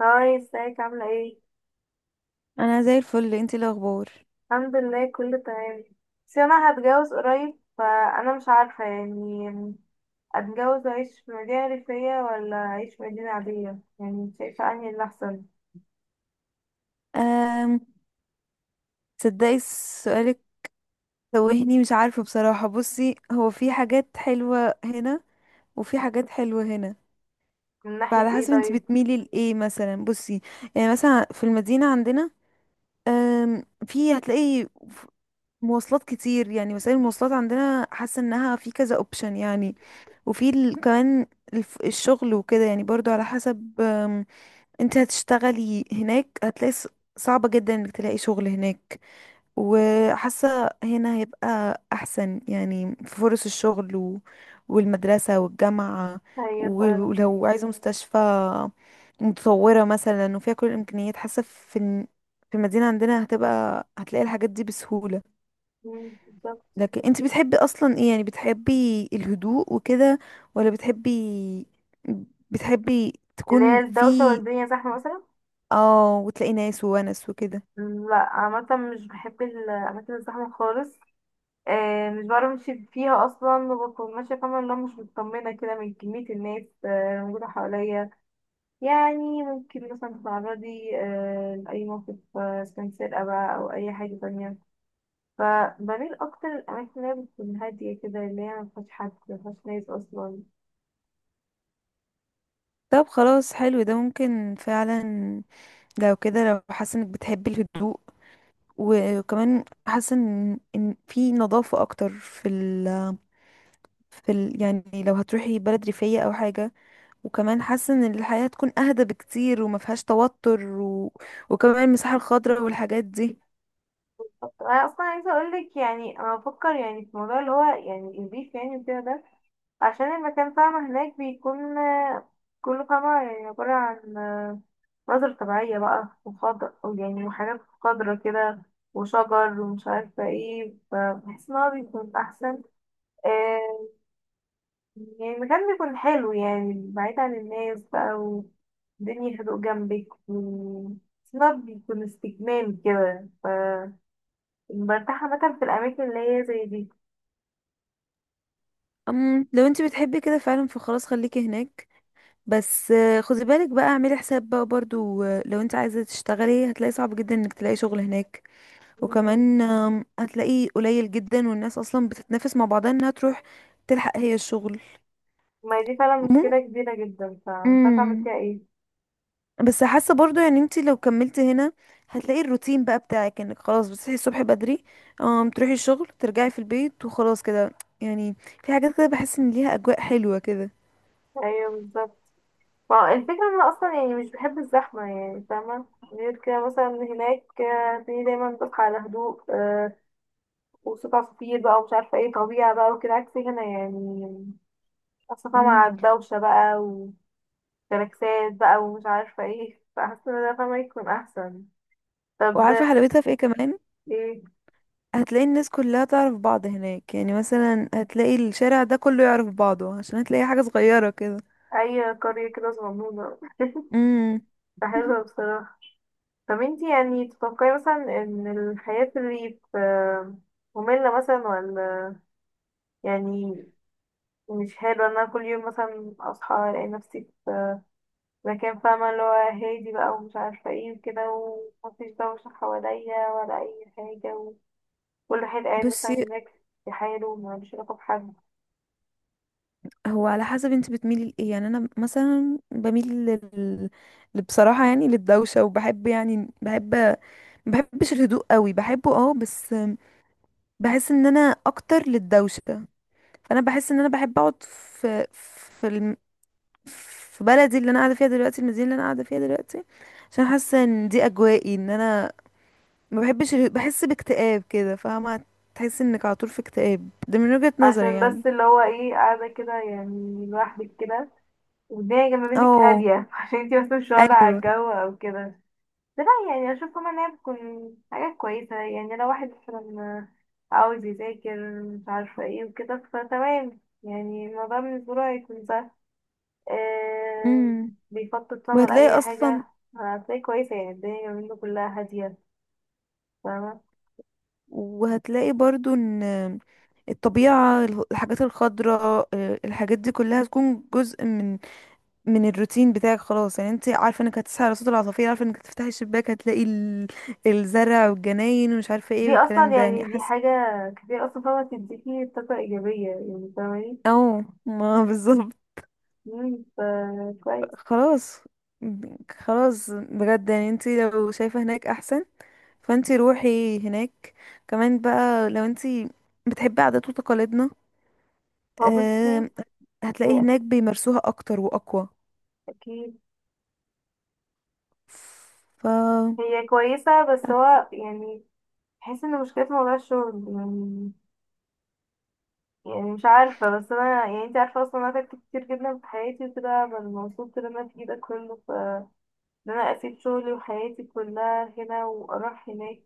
هاي، ازيك؟ عاملة ايه؟ انا زي الفل، انتي إيه الاخبار؟ الحمد لله، كله تمام. بس انا هتجوز قريب، فانا مش عارفة، اتجوز اعيش في مدينة ريفية ولا اعيش في مدينة عادية. يعني شايفة انهي اللي احسن أم تصدقي سؤالك، توهني مش عارفه بصراحه. بصي، هو في حاجات حلوه هنا وفي حاجات حلوه هنا. من ناحية فعلى ايه حسب انتي طيب؟ بتميلي لايه مثلا. بصي، يعني مثلا في المدينه عندنا، أم في هتلاقي ف- مواصلات كتير، يعني وسائل المواصلات عندنا حاسه انها في كذا اوبشن. يعني كمان الشغل وكده، يعني برضو على حسب. انتي هتشتغلي هناك، هتلاقي صعبه جدا انك تلاقي شغل هناك. وحاسة هنا هيبقى أحسن، يعني في فرص الشغل والمدرسة والجامعة. هي فعلا. ولو عايزة مستشفى متطورة مثلا وفيها كل الإمكانيات، حاسة في المدينة عندنا هتبقى هتلاقي الحاجات دي بسهولة. مم، بالظبط. لكن انت بتحبي أصلا ايه؟ يعني بتحبي الهدوء وكده، ولا بتحبي اللي هي تكون الدوشة في، والدنيا زحمة مثلا. اه، وتلاقي ناس وونس وكده؟ مم، لا عامة مش بحب الأماكن الزحمة خالص. آه، مش بعرف امشي فيها اصلا، وبكون ماشية فاهمة اللي هو مش مطمنة كده من كمية الناس موجودة حواليا. يعني ممكن مثلا تتعرضي لأي موقف، إذا كان سرقة بقى أو أي حاجة تانية. فبميل أكتر للأماكن اللي هي بتكون هادية كده، اللي هي مفيهاش حد، مفيهاش ناس أصلا. طب خلاص، حلو ده ممكن فعلا. لو كده، لو حاسه انك بتحبي الهدوء، وكمان حاسه ان في نظافه اكتر في ال في ال يعني لو هتروحي بلد ريفيه او حاجه. وكمان حاسه ان الحياه تكون اهدى بكتير، وما فيهاش توتر، وكمان المساحه الخضراء والحاجات دي. أنا أصلا عايزة أقولك، أنا بفكر في موضوع اللي هو يعني الريف يعني وكده ده، عشان المكان فاهمة هناك بيكون كله فاهمة يعني عبارة عن مناظر طبيعية بقى وخضر، يعني وحاجات خضرة كده وشجر ومش عارفة ايه. فبحس ان هو بيكون أحسن. آه، يعني مكان بيكون حلو، يعني بعيد عن الناس بقى، والدنيا هدوء جنبك بس إن هو بيكون استجمام كده. برتاح عامة في الأماكن اللي هي زي دي. لو انت بتحبي كده فعلا، فخلاص خليكي هناك. بس خدي بالك بقى، اعملي حساب بقى برضو، لو انت عايزه تشتغلي، هتلاقي صعب جدا انك تلاقي شغل هناك. مم. وكمان هتلاقيه قليل جدا، والناس اصلا بتتنافس مع بعضها انها تروح تلحق هي الشغل. ما هي دي فعلا مم. مشكلة كبيرة جدا، فمش عارفة أعمل مم. فيها إيه. بس حاسه برضو، يعني انت لو كملتي هنا، هتلاقي الروتين بقى بتاعك انك خلاص بتصحي الصبح بدري، تروحي الشغل، ترجعي في البيت، وخلاص كده. يعني في حاجات كده بحس ان ليها اجواء حلوه كده. أيوه بالظبط. فا الفكرة إن أنا أصلا يعني مش بحب الزحمة يعني، فاهمة؟ غير كده مثلا هناك، في دايما بصحى على هدوء، وصوت عصافير بقى ومش عارفة ايه، طبيعة بقى وكده، عكس هنا يعني أصلا مع مم. الدوشة بقى، جالاكسات بقى ومش عارفة ايه. فحاسة ان ده فاهمة يكون احسن. طب وعارفه حلاوتها في ايه كمان؟ ايه هتلاقي الناس كلها تعرف بعض هناك. يعني مثلا هتلاقي الشارع ده كله يعرف بعضه، عشان هتلاقي حاجه صغيره كده. اي قرية كده صغنونة، امم. فحلوة بصراحة. طب انتي يعني تتوقعي مثلا ان الحياة في الريف مملة مثلا، ولا يعني مش حلوة ان انا كل يوم مثلا اصحى الاقي نفسي في مكان فاهمة اللي هو هادي بقى ومش عارفة ايه وكده، ومفيش دوشة حواليا ولا اي حاجة، وكل واحد قاعد بس مثلا هناك في حاله ومالوش علاقة بحد؟ هو على حسب انت بتميلي لايه. يعني انا مثلا بميل بصراحه، يعني للدوشه. وبحب، يعني بحب، ما بحبش الهدوء قوي، بحبه اه، بس بحس ان انا اكتر للدوشه. فانا بحس ان انا بحب اقعد في بلدي اللي انا قاعده فيها دلوقتي، المدينه اللي انا قاعده فيها دلوقتي. عشان حاسه ان دي اجوائي، ان انا ما بحبش بحس باكتئاب كده، فاهمه. تحس انك على طول في اكتئاب، ده من وجهه نظري عشان يعني. بس اللي هو ايه قاعدة كده يعني لوحدك كده، والدنيا جنب منك اه. هادية عشان انتي بس مش واخدة على ايوه. الجو او كده. بس لا، يعني أشوف كمان إنها بتكون حاجة كويسة، يعني لو واحد مثلا عاوز يذاكر مش عارفة ايه وكده، فتمام، يعني الموضوع بالنسبة له هيكون سهل. آه، امم. بيخطط طبعا وهتلاقي لأي اصلا حاجة. هتلاقي كويسة يعني الدنيا جنب منه كلها هادية، فاهمة؟ وهتلاقي برضو ان الطبيعة، الحاجات الخضراء، الحاجات دي كلها تكون جزء من الروتين بتاعك. خلاص، يعني انت عارفة انك هتصحي على صوت العصافير، عارفة انك تفتحي الشباك هتلاقي الزرع والجناين ومش عارفة ايه دي أصلا والكلام ده. يعني يعني دي حاسة. حاجة كتير أصلا فاهمة تديكي طاقة إيجابية يعني، فاهمة؟ او ما بالظبط. مم، كويس. خلاص. خلاص بجد، يعني انت لو شايفة هناك احسن، فانت روحي هناك. كمان بقى لو انت بتحبي عادات وتقاليدنا، هو بصي، آه، هتلاقيه هي هناك بيمارسوها اكتر واقوى. اكيد ف هي كويسة، بس هو يعني بحس ان مشكلة موضوع الشغل يعني، يعني مش عارفة. بس انا يعني انت عارفة اصلا انا تعبت كتير جدا في حياتي وكده، ببقى مبسوط لما في ده كله. ان انا اسيب شغلي وحياتي كلها هنا واروح هناك،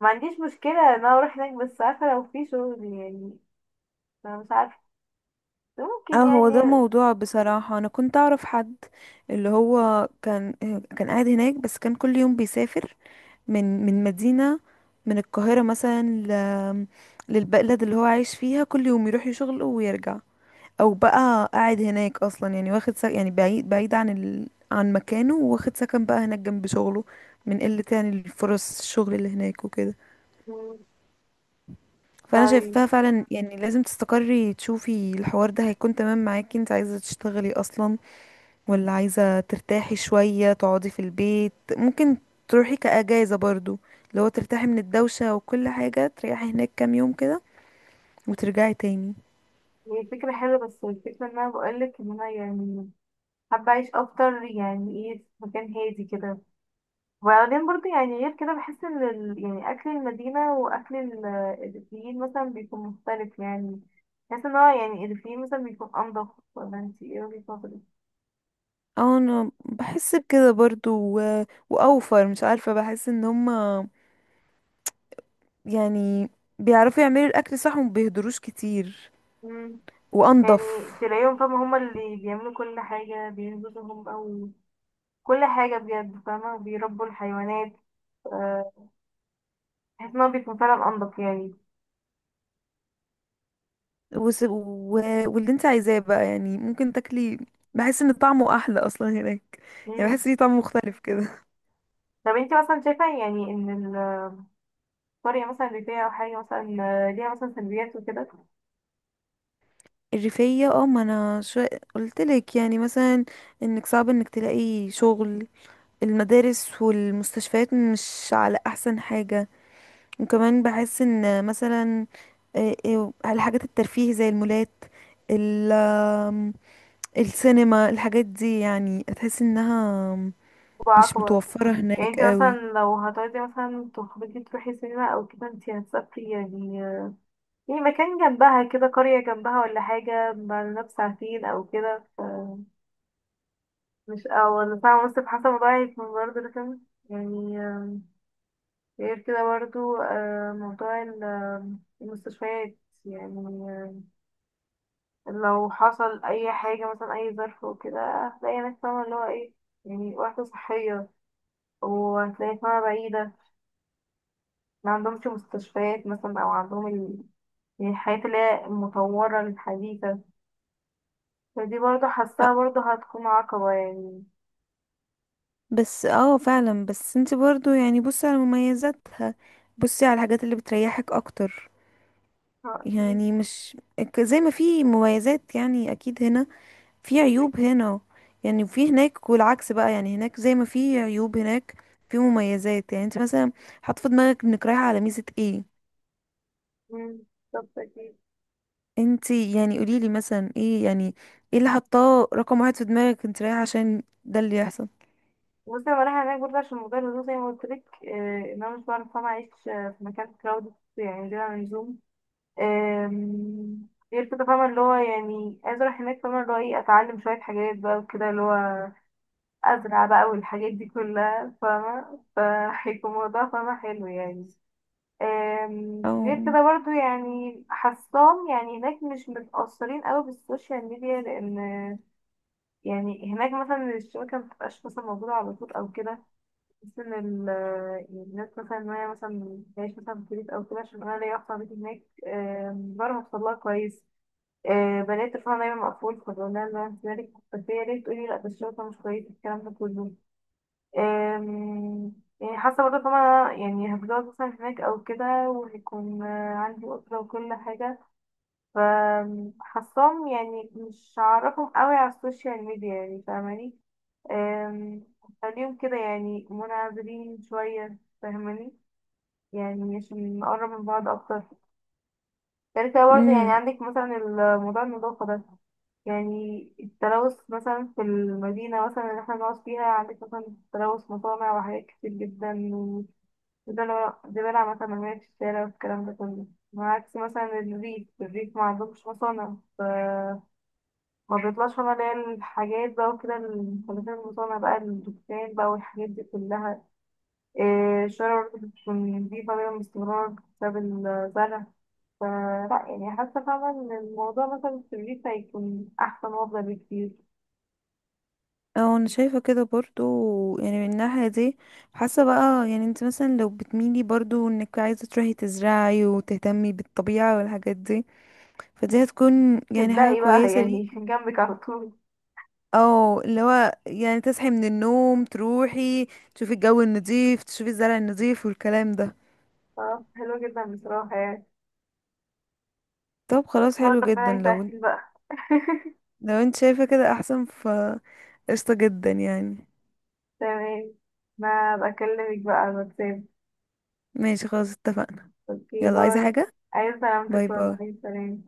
ما عنديش مشكلة ان انا اروح هناك، بس عارفة لو في شغل يعني. انا مش عارفة، اه ممكن هو ده يعني. موضوع. بصراحة انا كنت اعرف حد اللي هو كان، كان قاعد هناك، بس كان كل يوم بيسافر من من مدينة من القاهرة مثلا للبلد اللي هو عايش فيها، كل يوم يروح يشغله ويرجع. او بقى قاعد هناك اصلا، يعني واخد يعني بعيد بعيد عن عن مكانه، واخد سكن بقى هناك جنب شغله، من قلة يعني الفرص الشغل اللي هناك وكده. مم، فانا طيب. شايفاها فعلا، يعني لازم تستقري تشوفي الحوار ده هيكون تمام معاكي. انت عايزه تشتغلي اصلا ولا عايزه ترتاحي شويه، تقعدي في البيت؟ ممكن تروحي كاجازه برضو، لو ترتاحي من الدوشه وكل حاجه، تريحي هناك كام يوم كده وترجعي تاني. هي فكرة حلوة، بس الفكرة ان انا بقولك ان انا يعني حابة أعيش أكتر، يعني إيه، في مكان هادي كده. وبعدين برضه يعني غير كده بحس إن يعني أكل المدينة وأكل الريفيين مثلا بيكون مختلف يعني. بحس إن هو يعني الريفيين مثلا بيكون أنضف، ولا أنتي إيه وجهة نظرك؟ اه انا بحس بكده برضو و... واوفر، مش عارفه. بحس ان هما، يعني، بيعرفوا يعملوا الاكل صح، ومبيهدروش كتير، مم. وانضف. يعني تلاقيهم فاهمة هما اللي بيعملوا كل حاجة، بينزلوا هم أو كل حاجة بجد فاهمة، بيربوا الحيوانات. آه، بحس إن هو بيكون فعلا أنضف يعني. وس... و... واللي انت عايزاه بقى، يعني ممكن تاكلي، بحس ان طعمه احلى اصلا هناك. يعني مم. بحس ليه طعم مختلف كده. طب انتي مثلا شايفة يعني ان قرية مثلا ريفية أو حاجة مثلا ليها مثلا سلبيات وكده الريفية، اه، ما انا شو قلتلك يعني مثلا، انك صعب انك تلاقي شغل، المدارس والمستشفيات مش على احسن حاجة. وكمان بحس ان مثلا، على الحاجات الترفيه زي المولات، ال آم، السينما، الحاجات دي يعني تحس انها وبقى مش أكبر؟ متوفرة يعني هناك انتي مثلا قوي. لو هتقعدي مثلا تخرجي تروحي سينما أو كده، انتي هتسافري يعني، يعني مكان جنبها كده، قرية جنبها ولا حاجة، بعد بساعتين أو كده، مش أو ولا ساعة ونص، في حسب موضوع هيكون برضه رخم يعني. غير كده برضه، موضوع المستشفيات يعني، آه، لو حصل أي حاجة مثلا، أي ظرف وكده، هتلاقي هناك فاهمة اللي هو ايه، يعني وحدة صحية، وهتلاقي اسمها بعيدة، ما عندهمش مستشفيات مثلا، أو عندهم يعني الحاجات اللي هي المطورة الحديثة. فدي برضه حاساها برضه هتكون عقبة يعني. بس اه فعلا، بس انت برضو يعني بصي على مميزاتها، بصي على الحاجات اللي بتريحك اكتر. آه، أكيد. يعني مش زي ما في مميزات، يعني اكيد هنا في عيوب هنا، يعني في هناك، والعكس بقى، يعني هناك زي ما في عيوب هناك في مميزات. يعني انت مثلا حاطه في دماغك انك رايحه على ميزه ايه؟ مم، بالظبط أكيد. انت يعني قوليلي مثلا ايه، يعني ايه اللي حطاه رقم واحد في دماغك انت رايحه عشان ده اللي يحصل. بصي أنا رايحة هناك برضه عشان موضوع الهدوء زي ما قلتلك، إن أنا مش بعرف طبعا أعيش في مكان كراودد يعني بلا لزوم. آم، غير كده فاهمة اللي هو يعني عايزة أروح هناك فاهمة اللي هو إيه، أتعلم شوية حاجات بقى وكده، اللي هو أزرع بقى والحاجات دي كلها فاهمة، فهيكون الموضوع فاهمة حلو يعني. أم، غير او كده برضو يعني حاساهم يعني هناك مش متأثرين قوي بالسوشيال ميديا، لأن يعني هناك مثلا الشبكة مبتبقاش مثلا موجودة على طول أو كده. بس إن يعني الناس مثلا إن هي مثلا تعيش مثلا في بيت أو كده، عشان أنا ليا أخت بيت هناك. أم، بعرف أوصلها كويس. أه، بلاقي تليفونها دايما مقفول، فبقول لها إن أنا مالك، بس هي ليه تقولي لأ، ده الشبكة مش كويسة الكلام ده كله. أم، يعني حاسة برضه طبعا يعني هتجوز مثلا هناك أو كده، وهيكون عندي أسرة وكل حاجة، فحاساهم يعني مش هعرفهم قوي على السوشيال ميديا يعني، فاهماني؟ أم، هخليهم كده يعني منعزلين شوية، فاهماني؟ يعني عشان نقرب من بعض أكتر. غير كده برضه يعني مم. عندك مثلا الموضوع النظافة ده، يعني التلوث مثلا في المدينة مثلا اللي احنا بنقعد فيها، عندك مثلا تلوث مصانع وحاجات كتير جدا، ده انا ده بلعب مثلا مرمية في الشارع والكلام ده كله. عكس مثلا الريف، الريف ما عندهمش مصانع، ما بيطلعش هنا اللي هي الحاجات بقى وكده، المخلفات المصانع بقى، الدكان بقى، والحاجات دي كلها. إيه، الشارع برضه بتكون نضيفة دايما باستمرار بسبب الزرع. فلا يعني حاسة فعلا إن الموضوع مثلا في الريف هيكون أحسن وأفضل بكتير. اه انا شايفة كده برضو، يعني من الناحية دي حاسة بقى، يعني انت مثلا لو بتميلي برضو انك عايزة تروحي تزرعي وتهتمي بالطبيعة والحاجات دي، فدي هتكون يعني حاجة تبدأي بقى كويسة يعني ليكي. جنبك على طول. او اللي هو يعني تصحي من النوم تروحي تشوفي الجو النظيف، تشوفي الزرع النظيف، والكلام ده. آه، حلو جدا بصراحة يعني. طب بس خلاص، حلو ربنا جدا. لو يسهل بقى لو انت شايفة كده احسن، ف قشطة جدا يعني. تمام، ما بكلمك بقى على الواتساب. ماشي خلاص اتفقنا. اوكي يلا، عايزة باي. حاجة؟ عايز سلامتك باي والله، باي. سلام.